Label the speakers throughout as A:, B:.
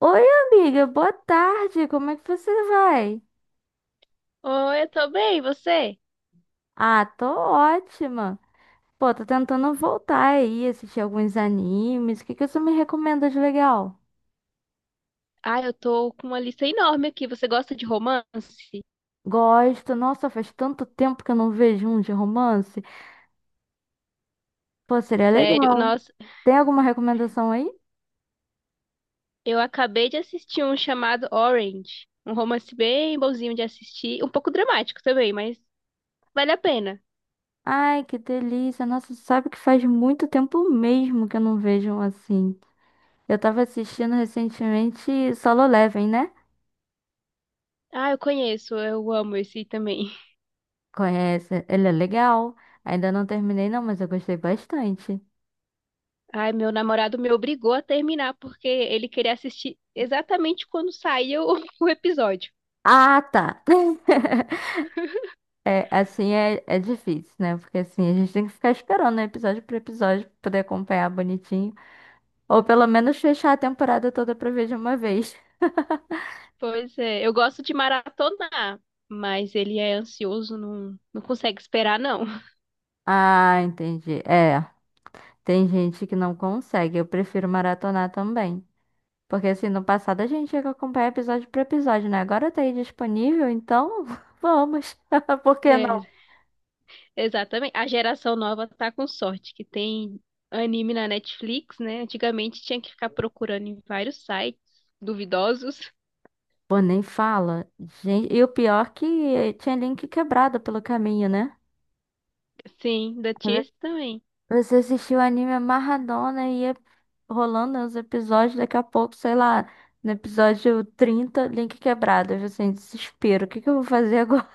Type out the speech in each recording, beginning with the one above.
A: Oi, amiga, boa tarde. Como é que você vai?
B: Oi, eu tô bem, e você?
A: Ah, tô ótima. Pô, tô tentando voltar aí, assistir alguns animes. O que que você me recomenda de legal?
B: Ah, eu tô com uma lista enorme aqui. Você gosta de romance?
A: Gosto. Nossa, faz tanto tempo que eu não vejo um de romance. Pô, seria
B: Sério?
A: legal.
B: Nossa,
A: Tem alguma recomendação aí?
B: eu acabei de assistir um chamado Orange. Um romance bem bonzinho de assistir. Um pouco dramático também, mas vale a pena.
A: Ai, que delícia. Nossa, sabe que faz muito tempo mesmo que eu não vejo um assim. Eu tava assistindo recentemente Solo Leveling, né?
B: Ah, eu conheço, eu amo esse também.
A: Conhece? Ele é legal. Ainda não terminei, não, mas eu gostei bastante.
B: Ai, meu namorado me obrigou a terminar porque ele queria assistir exatamente quando saía o o episódio.
A: Ah, tá. É, assim, difícil, né? Porque assim, a gente tem que ficar esperando, né? Episódio por episódio, pra poder acompanhar bonitinho. Ou pelo menos fechar a temporada toda pra ver de uma vez.
B: Pois é, eu gosto de maratonar, mas ele é ansioso, não consegue esperar, não.
A: Ah, entendi. É, tem gente que não consegue. Eu prefiro maratonar também. Porque assim, no passado a gente tinha que acompanhar episódio por episódio, né? Agora tá aí disponível, então vamos. Por que
B: É, exatamente. A geração nova tá com sorte, que tem anime na Netflix, né? Antigamente tinha que ficar procurando em vários sites duvidosos.
A: Pô, nem fala. Gente, e o pior que tinha link quebrado pelo caminho, né?
B: Sim, ainda tinha esse também.
A: Você assistiu o anime amarradona e ia rolando os episódios, daqui a pouco, sei lá, no episódio 30 link quebrado. Eu assim, desespero, o que que eu vou fazer agora?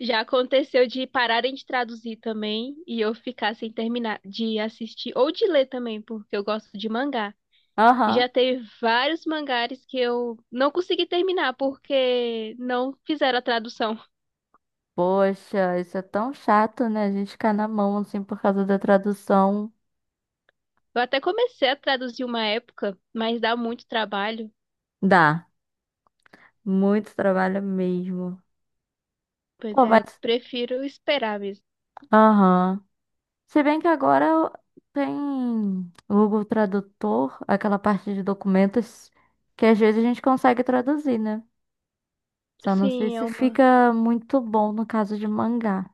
B: Já aconteceu de pararem de traduzir também e eu ficar sem terminar de assistir ou de ler também, porque eu gosto de mangá. E
A: Aham.
B: já teve vários mangares que eu não consegui terminar porque não fizeram a tradução.
A: Poxa, isso é tão chato, né? A gente ficar na mão, assim, por causa da tradução.
B: Eu até comecei a traduzir uma época, mas dá muito trabalho.
A: Dá. Muito trabalho mesmo.
B: Pois
A: Pô,
B: é, eu
A: mas.
B: prefiro esperar mesmo.
A: Aham. Se bem que agora tem o Google Tradutor, aquela parte de documentos que às vezes a gente consegue traduzir, né? Só não sei
B: Sim, é
A: se
B: uma.
A: fica muito bom no caso de mangá.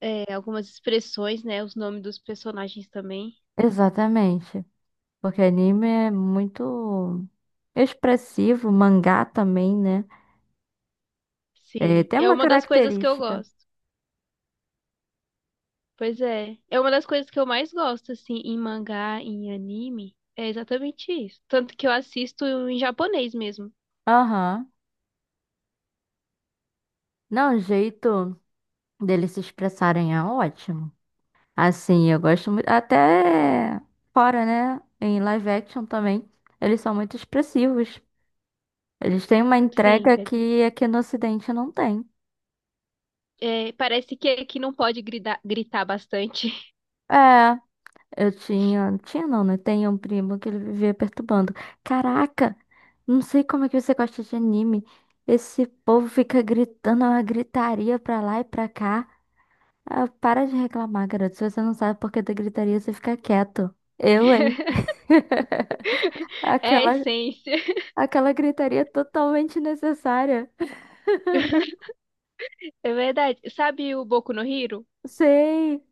B: É, algumas expressões, né? Os nomes dos personagens também.
A: Exatamente. Porque anime é muito expressivo, mangá também, né? É,
B: Sim,
A: tem
B: é
A: uma
B: uma das coisas que eu
A: característica.
B: gosto. Pois é, é uma das coisas que eu mais gosto, assim, em mangá, em anime. É exatamente isso. Tanto que eu assisto em japonês mesmo.
A: Aham. Não, o jeito deles se expressarem é ótimo. Assim, eu gosto muito. Até fora, né? Em live action também. Eles são muito expressivos. Eles têm uma
B: Sim,
A: entrega
B: verdade.
A: que aqui no Ocidente não tem.
B: É, parece que aqui não pode gritar, gritar bastante.
A: É, eu tinha. Tinha não, né? Tem um primo que ele vivia perturbando. Caraca! Não sei como é que você gosta de anime. Esse povo fica gritando, é uma gritaria pra lá e pra cá. Ah, para de reclamar, garoto. Se você não sabe por que da gritaria, você fica quieto. Eu, hein?
B: É a
A: Aquela.
B: essência.
A: Aquela gritaria é totalmente necessária.
B: É verdade. Sabe o Boku no Hiro?
A: Sei.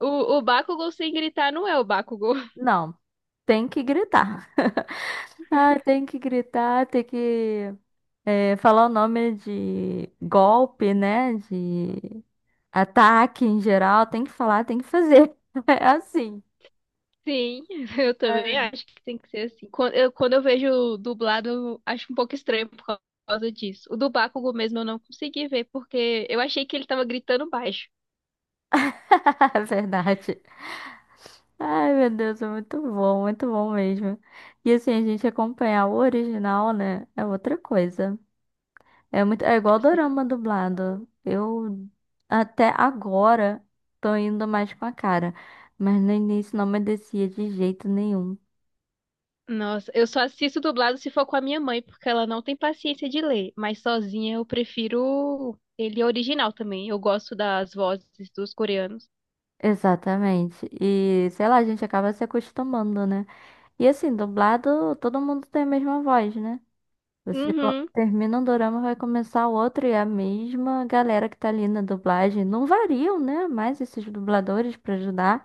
B: O, o Bakugou sem gritar não é o Bakugou.
A: Não, tem que gritar. Ah, tem que gritar, tem que é, falar o nome de golpe, né? De ataque em geral. Tem que falar, tem que fazer. É assim.
B: Sim, eu também
A: Ai,
B: acho que tem que ser assim. Quando eu vejo dublado, eu acho um pouco estranho por causa disso. O do Bakugo mesmo eu não consegui ver, porque eu achei que ele tava gritando baixo,
A: verdade. Ai, meu Deus, é muito bom mesmo. E assim, a gente acompanhar o original, né? É outra coisa. É muito, é igual
B: assim.
A: dorama dublado. Eu até agora tô indo mais com a cara, mas no início não me descia de jeito nenhum.
B: Nossa, eu só assisto dublado se for com a minha mãe, porque ela não tem paciência de ler. Mas sozinha eu prefiro ele original também. Eu gosto das vozes dos coreanos.
A: Exatamente. E sei lá, a gente acaba se acostumando, né? E assim, dublado, todo mundo tem a mesma voz, né? Você
B: Uhum,
A: termina um dorama, vai começar outro e é a mesma galera que tá ali na dublagem. Não variam, né? Mais esses dubladores pra ajudar.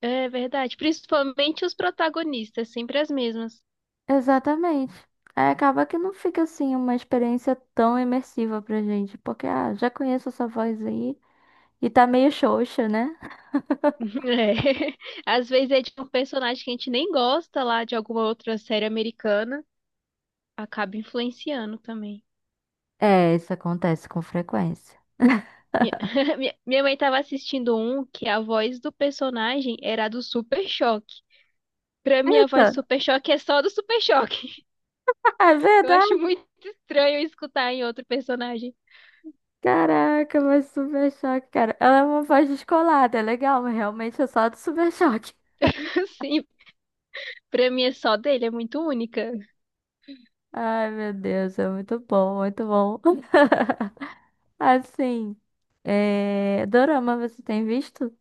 B: é verdade. Principalmente os protagonistas, sempre as mesmas.
A: Exatamente. Aí acaba que não fica assim uma experiência tão imersiva pra gente, porque ah, já conheço essa voz aí e tá meio xoxa, né?
B: É. Às vezes é de um personagem que a gente nem gosta lá de alguma outra série americana, acaba influenciando também.
A: É, isso acontece com frequência.
B: Minha, minha mãe tava assistindo um que a voz do personagem era a do Super Choque. Pra mim, a
A: Eita!
B: voz do Super Choque é só do Super Choque.
A: É
B: Eu acho
A: verdade!
B: muito estranho escutar em outro personagem.
A: Caraca, mas Super Choque, cara. Ela é uma voz descolada, é legal, mas realmente é só do Super Choque.
B: Assim, pra mim é só dele, é muito única.
A: Ai, meu Deus, é muito bom, muito bom. Assim, é... Dorama, você tem visto?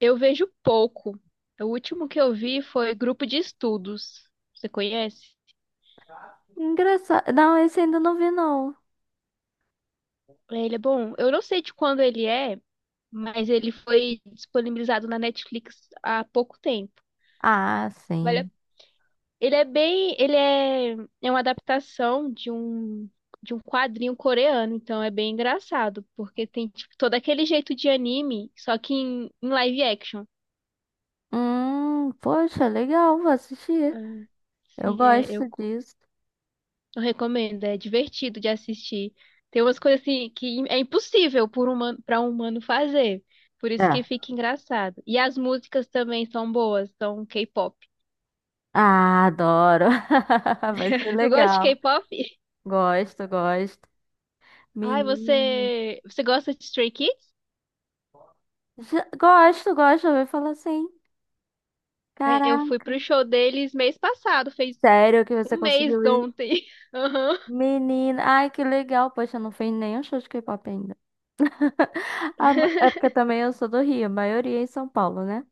B: Eu vejo pouco. O último que eu vi foi Grupo de Estudos. Você conhece?
A: Engraçado. Não, esse ainda não vi, não.
B: É, ele é bom. Eu não sei de quando ele é, mas ele foi disponibilizado na Netflix há pouco tempo.
A: Ah,
B: Vale a-
A: sim.
B: Ele é bem, ele é, é uma adaptação de um quadrinho coreano, então é bem engraçado, porque tem tipo, todo aquele jeito de anime, só que em live action.
A: Poxa, legal, vou assistir.
B: Ah,
A: Eu
B: sim,
A: gosto disso.
B: eu recomendo, é divertido de assistir. Tem umas coisas assim que é para um humano fazer. Por isso que
A: É.
B: fica engraçado. E as músicas também são boas, são K-pop.
A: Ah, adoro. Vai ser
B: Tu gosta de
A: legal.
B: K-pop?
A: Gosto, gosto.
B: Ai,
A: Menina.
B: você gosta de Stray Kids?
A: Gosto, gosto. Eu ouvi falar assim.
B: É, eu fui
A: Caraca.
B: pro show deles mês passado, fez
A: Sério que você
B: um mês
A: conseguiu ir?
B: ontem. Aham.
A: Menina. Ai, que legal. Poxa, eu não fui em nenhum show de K-pop ainda. Ah, é porque também eu sou do Rio, a maioria é em São Paulo, né?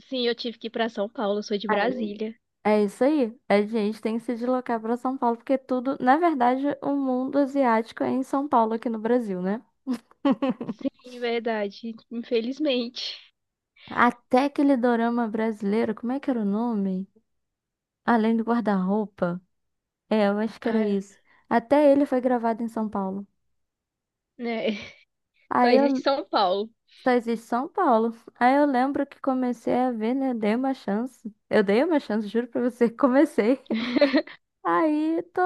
B: Sim, eu tive que ir pra São Paulo, eu sou de Brasília.
A: É isso aí. A gente tem que se deslocar para São Paulo, porque tudo, na verdade, o mundo asiático é em São Paulo, aqui no Brasil, né?
B: Sim, verdade, infelizmente.
A: Até aquele dorama brasileiro, como é que era o nome? Além do guarda-roupa. É, eu acho que era
B: Ah,
A: isso. Até ele foi gravado em São Paulo.
B: né? Só
A: Aí
B: existe
A: eu
B: São Paulo.
A: só existe São Paulo. Aí eu lembro que comecei a ver, né? Dei uma chance. Eu dei uma chance, juro pra você, comecei. Aí tô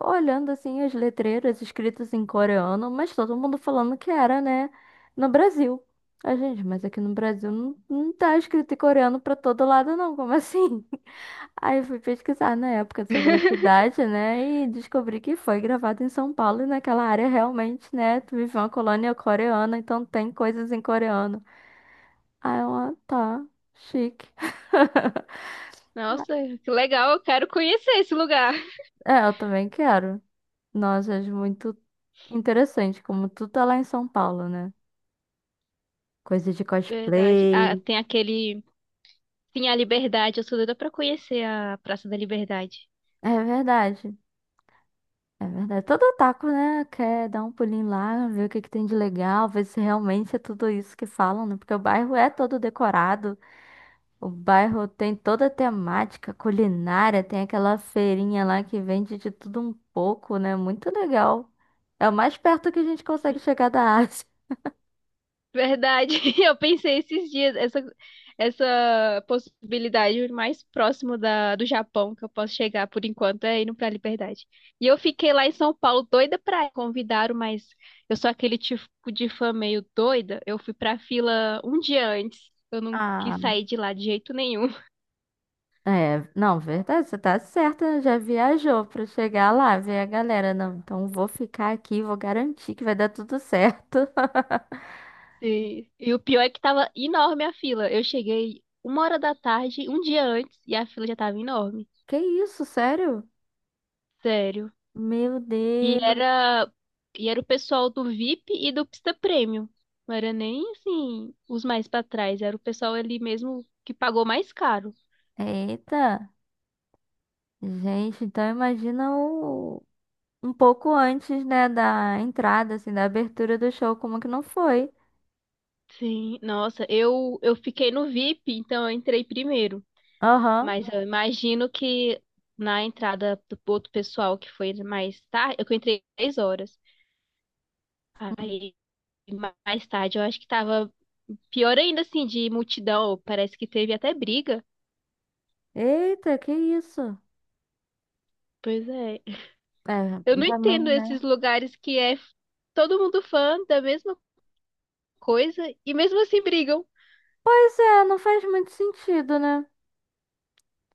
A: olhando assim as letreiras escritas em coreano, mas todo mundo falando que era, né, no Brasil. A gente, mas aqui no Brasil não, não tá escrito em coreano pra todo lado não, como assim? Aí eu fui pesquisar na época sobre a cidade, né, e descobri que foi gravado em São Paulo e naquela área realmente, né, tu vive uma colônia coreana, então tem coisas em coreano. Aí eu, ah, tá, chique.
B: Nossa, que legal, eu quero conhecer esse lugar.
A: É, eu também quero. Nossa, acho muito interessante como tu tá lá em São Paulo, né? Coisa de
B: Verdade. Ah,
A: cosplay.
B: tem aquele Sim, a Liberdade. Eu sou doida pra conhecer a Praça da Liberdade.
A: É verdade. É verdade. Todo otaku, né, quer dar um pulinho lá, ver o que que tem de legal, ver se realmente é tudo isso que falam, né? Porque o bairro é todo decorado, o bairro tem toda a temática culinária, tem aquela feirinha lá que vende de tudo um pouco, né? Muito legal. É o mais perto que a gente consegue chegar da Ásia.
B: Verdade. Eu pensei esses dias, essa possibilidade o mais próximo do Japão que eu posso chegar por enquanto é indo pra Liberdade. E eu fiquei lá em São Paulo doida pra ir. Convidaram, mas eu sou aquele tipo de fã meio doida. Eu fui pra fila um dia antes. Eu não quis
A: Ah,
B: sair de lá de jeito nenhum.
A: é, não, verdade, você tá certa, já viajou pra chegar lá, ver a galera. Não, então vou ficar aqui, vou garantir que vai dar tudo certo.
B: E o pior é que tava enorme a fila. Eu cheguei uma hora da tarde, um dia antes, e a fila já tava enorme.
A: Que isso, sério?
B: Sério.
A: Meu
B: E
A: Deus.
B: era, e era o pessoal do VIP e do Pista Premium. Não era nem assim os mais pra trás, era o pessoal ali mesmo que pagou mais caro.
A: Eita. Gente, então imagina o... um pouco antes, né, da entrada, assim, da abertura do show, como que não foi?
B: Sim, nossa, eu fiquei no VIP, então eu entrei primeiro,
A: Aham.
B: mas eu imagino que na entrada do outro pessoal que foi mais tarde, eu que entrei 10 horas.
A: Hum.
B: Aí mais tarde eu acho que tava pior ainda assim de multidão, parece que teve até briga.
A: Eita, que isso?
B: Pois é, eu
A: É,
B: não entendo
A: também,
B: esses
A: né?
B: lugares que é todo mundo fã da mesma coisa e mesmo assim brigam.
A: Pois é, não faz muito sentido, né?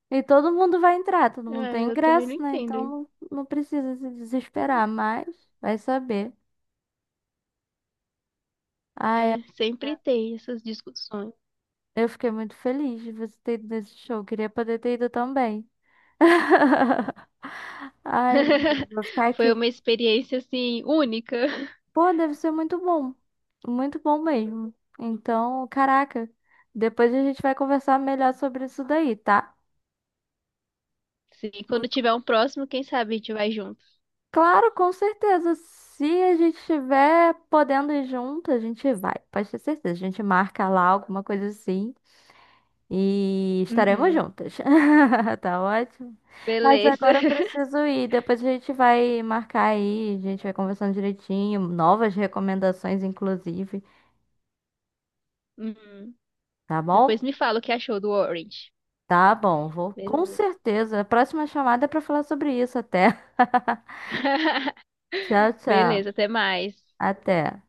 A: E todo mundo vai entrar, todo mundo
B: Ah,
A: tem
B: eu também não
A: ingresso, né?
B: entendo
A: Então
B: isso.
A: não, não precisa se desesperar, mas vai saber. Ai,
B: É,
A: amiga,
B: sempre tem essas discussões.
A: eu fiquei muito feliz de você ter ido nesse show. Queria poder ter ido também. Ai, meu Deus, vou ficar
B: Foi
A: aqui.
B: uma experiência assim única.
A: Pô, deve ser muito bom. Muito bom mesmo. Então, caraca, depois a gente vai conversar melhor sobre isso daí, tá?
B: Sim, quando tiver um próximo, quem sabe a gente vai junto.
A: Claro, com certeza. Se a gente estiver podendo ir junto, a gente vai. Pode ter certeza. A gente marca lá alguma coisa assim e estaremos
B: Uhum.
A: juntas. Tá ótimo. Mas
B: Beleza.
A: agora eu preciso ir. Depois a gente vai marcar aí, a gente vai conversando direitinho, novas recomendações, inclusive.
B: Uhum.
A: Tá bom?
B: Depois me fala o que achou do Orange.
A: Tá bom, vou com
B: Beleza.
A: certeza. A próxima chamada é pra falar sobre isso até. Tchau, tchau.
B: Beleza, até mais.
A: Até.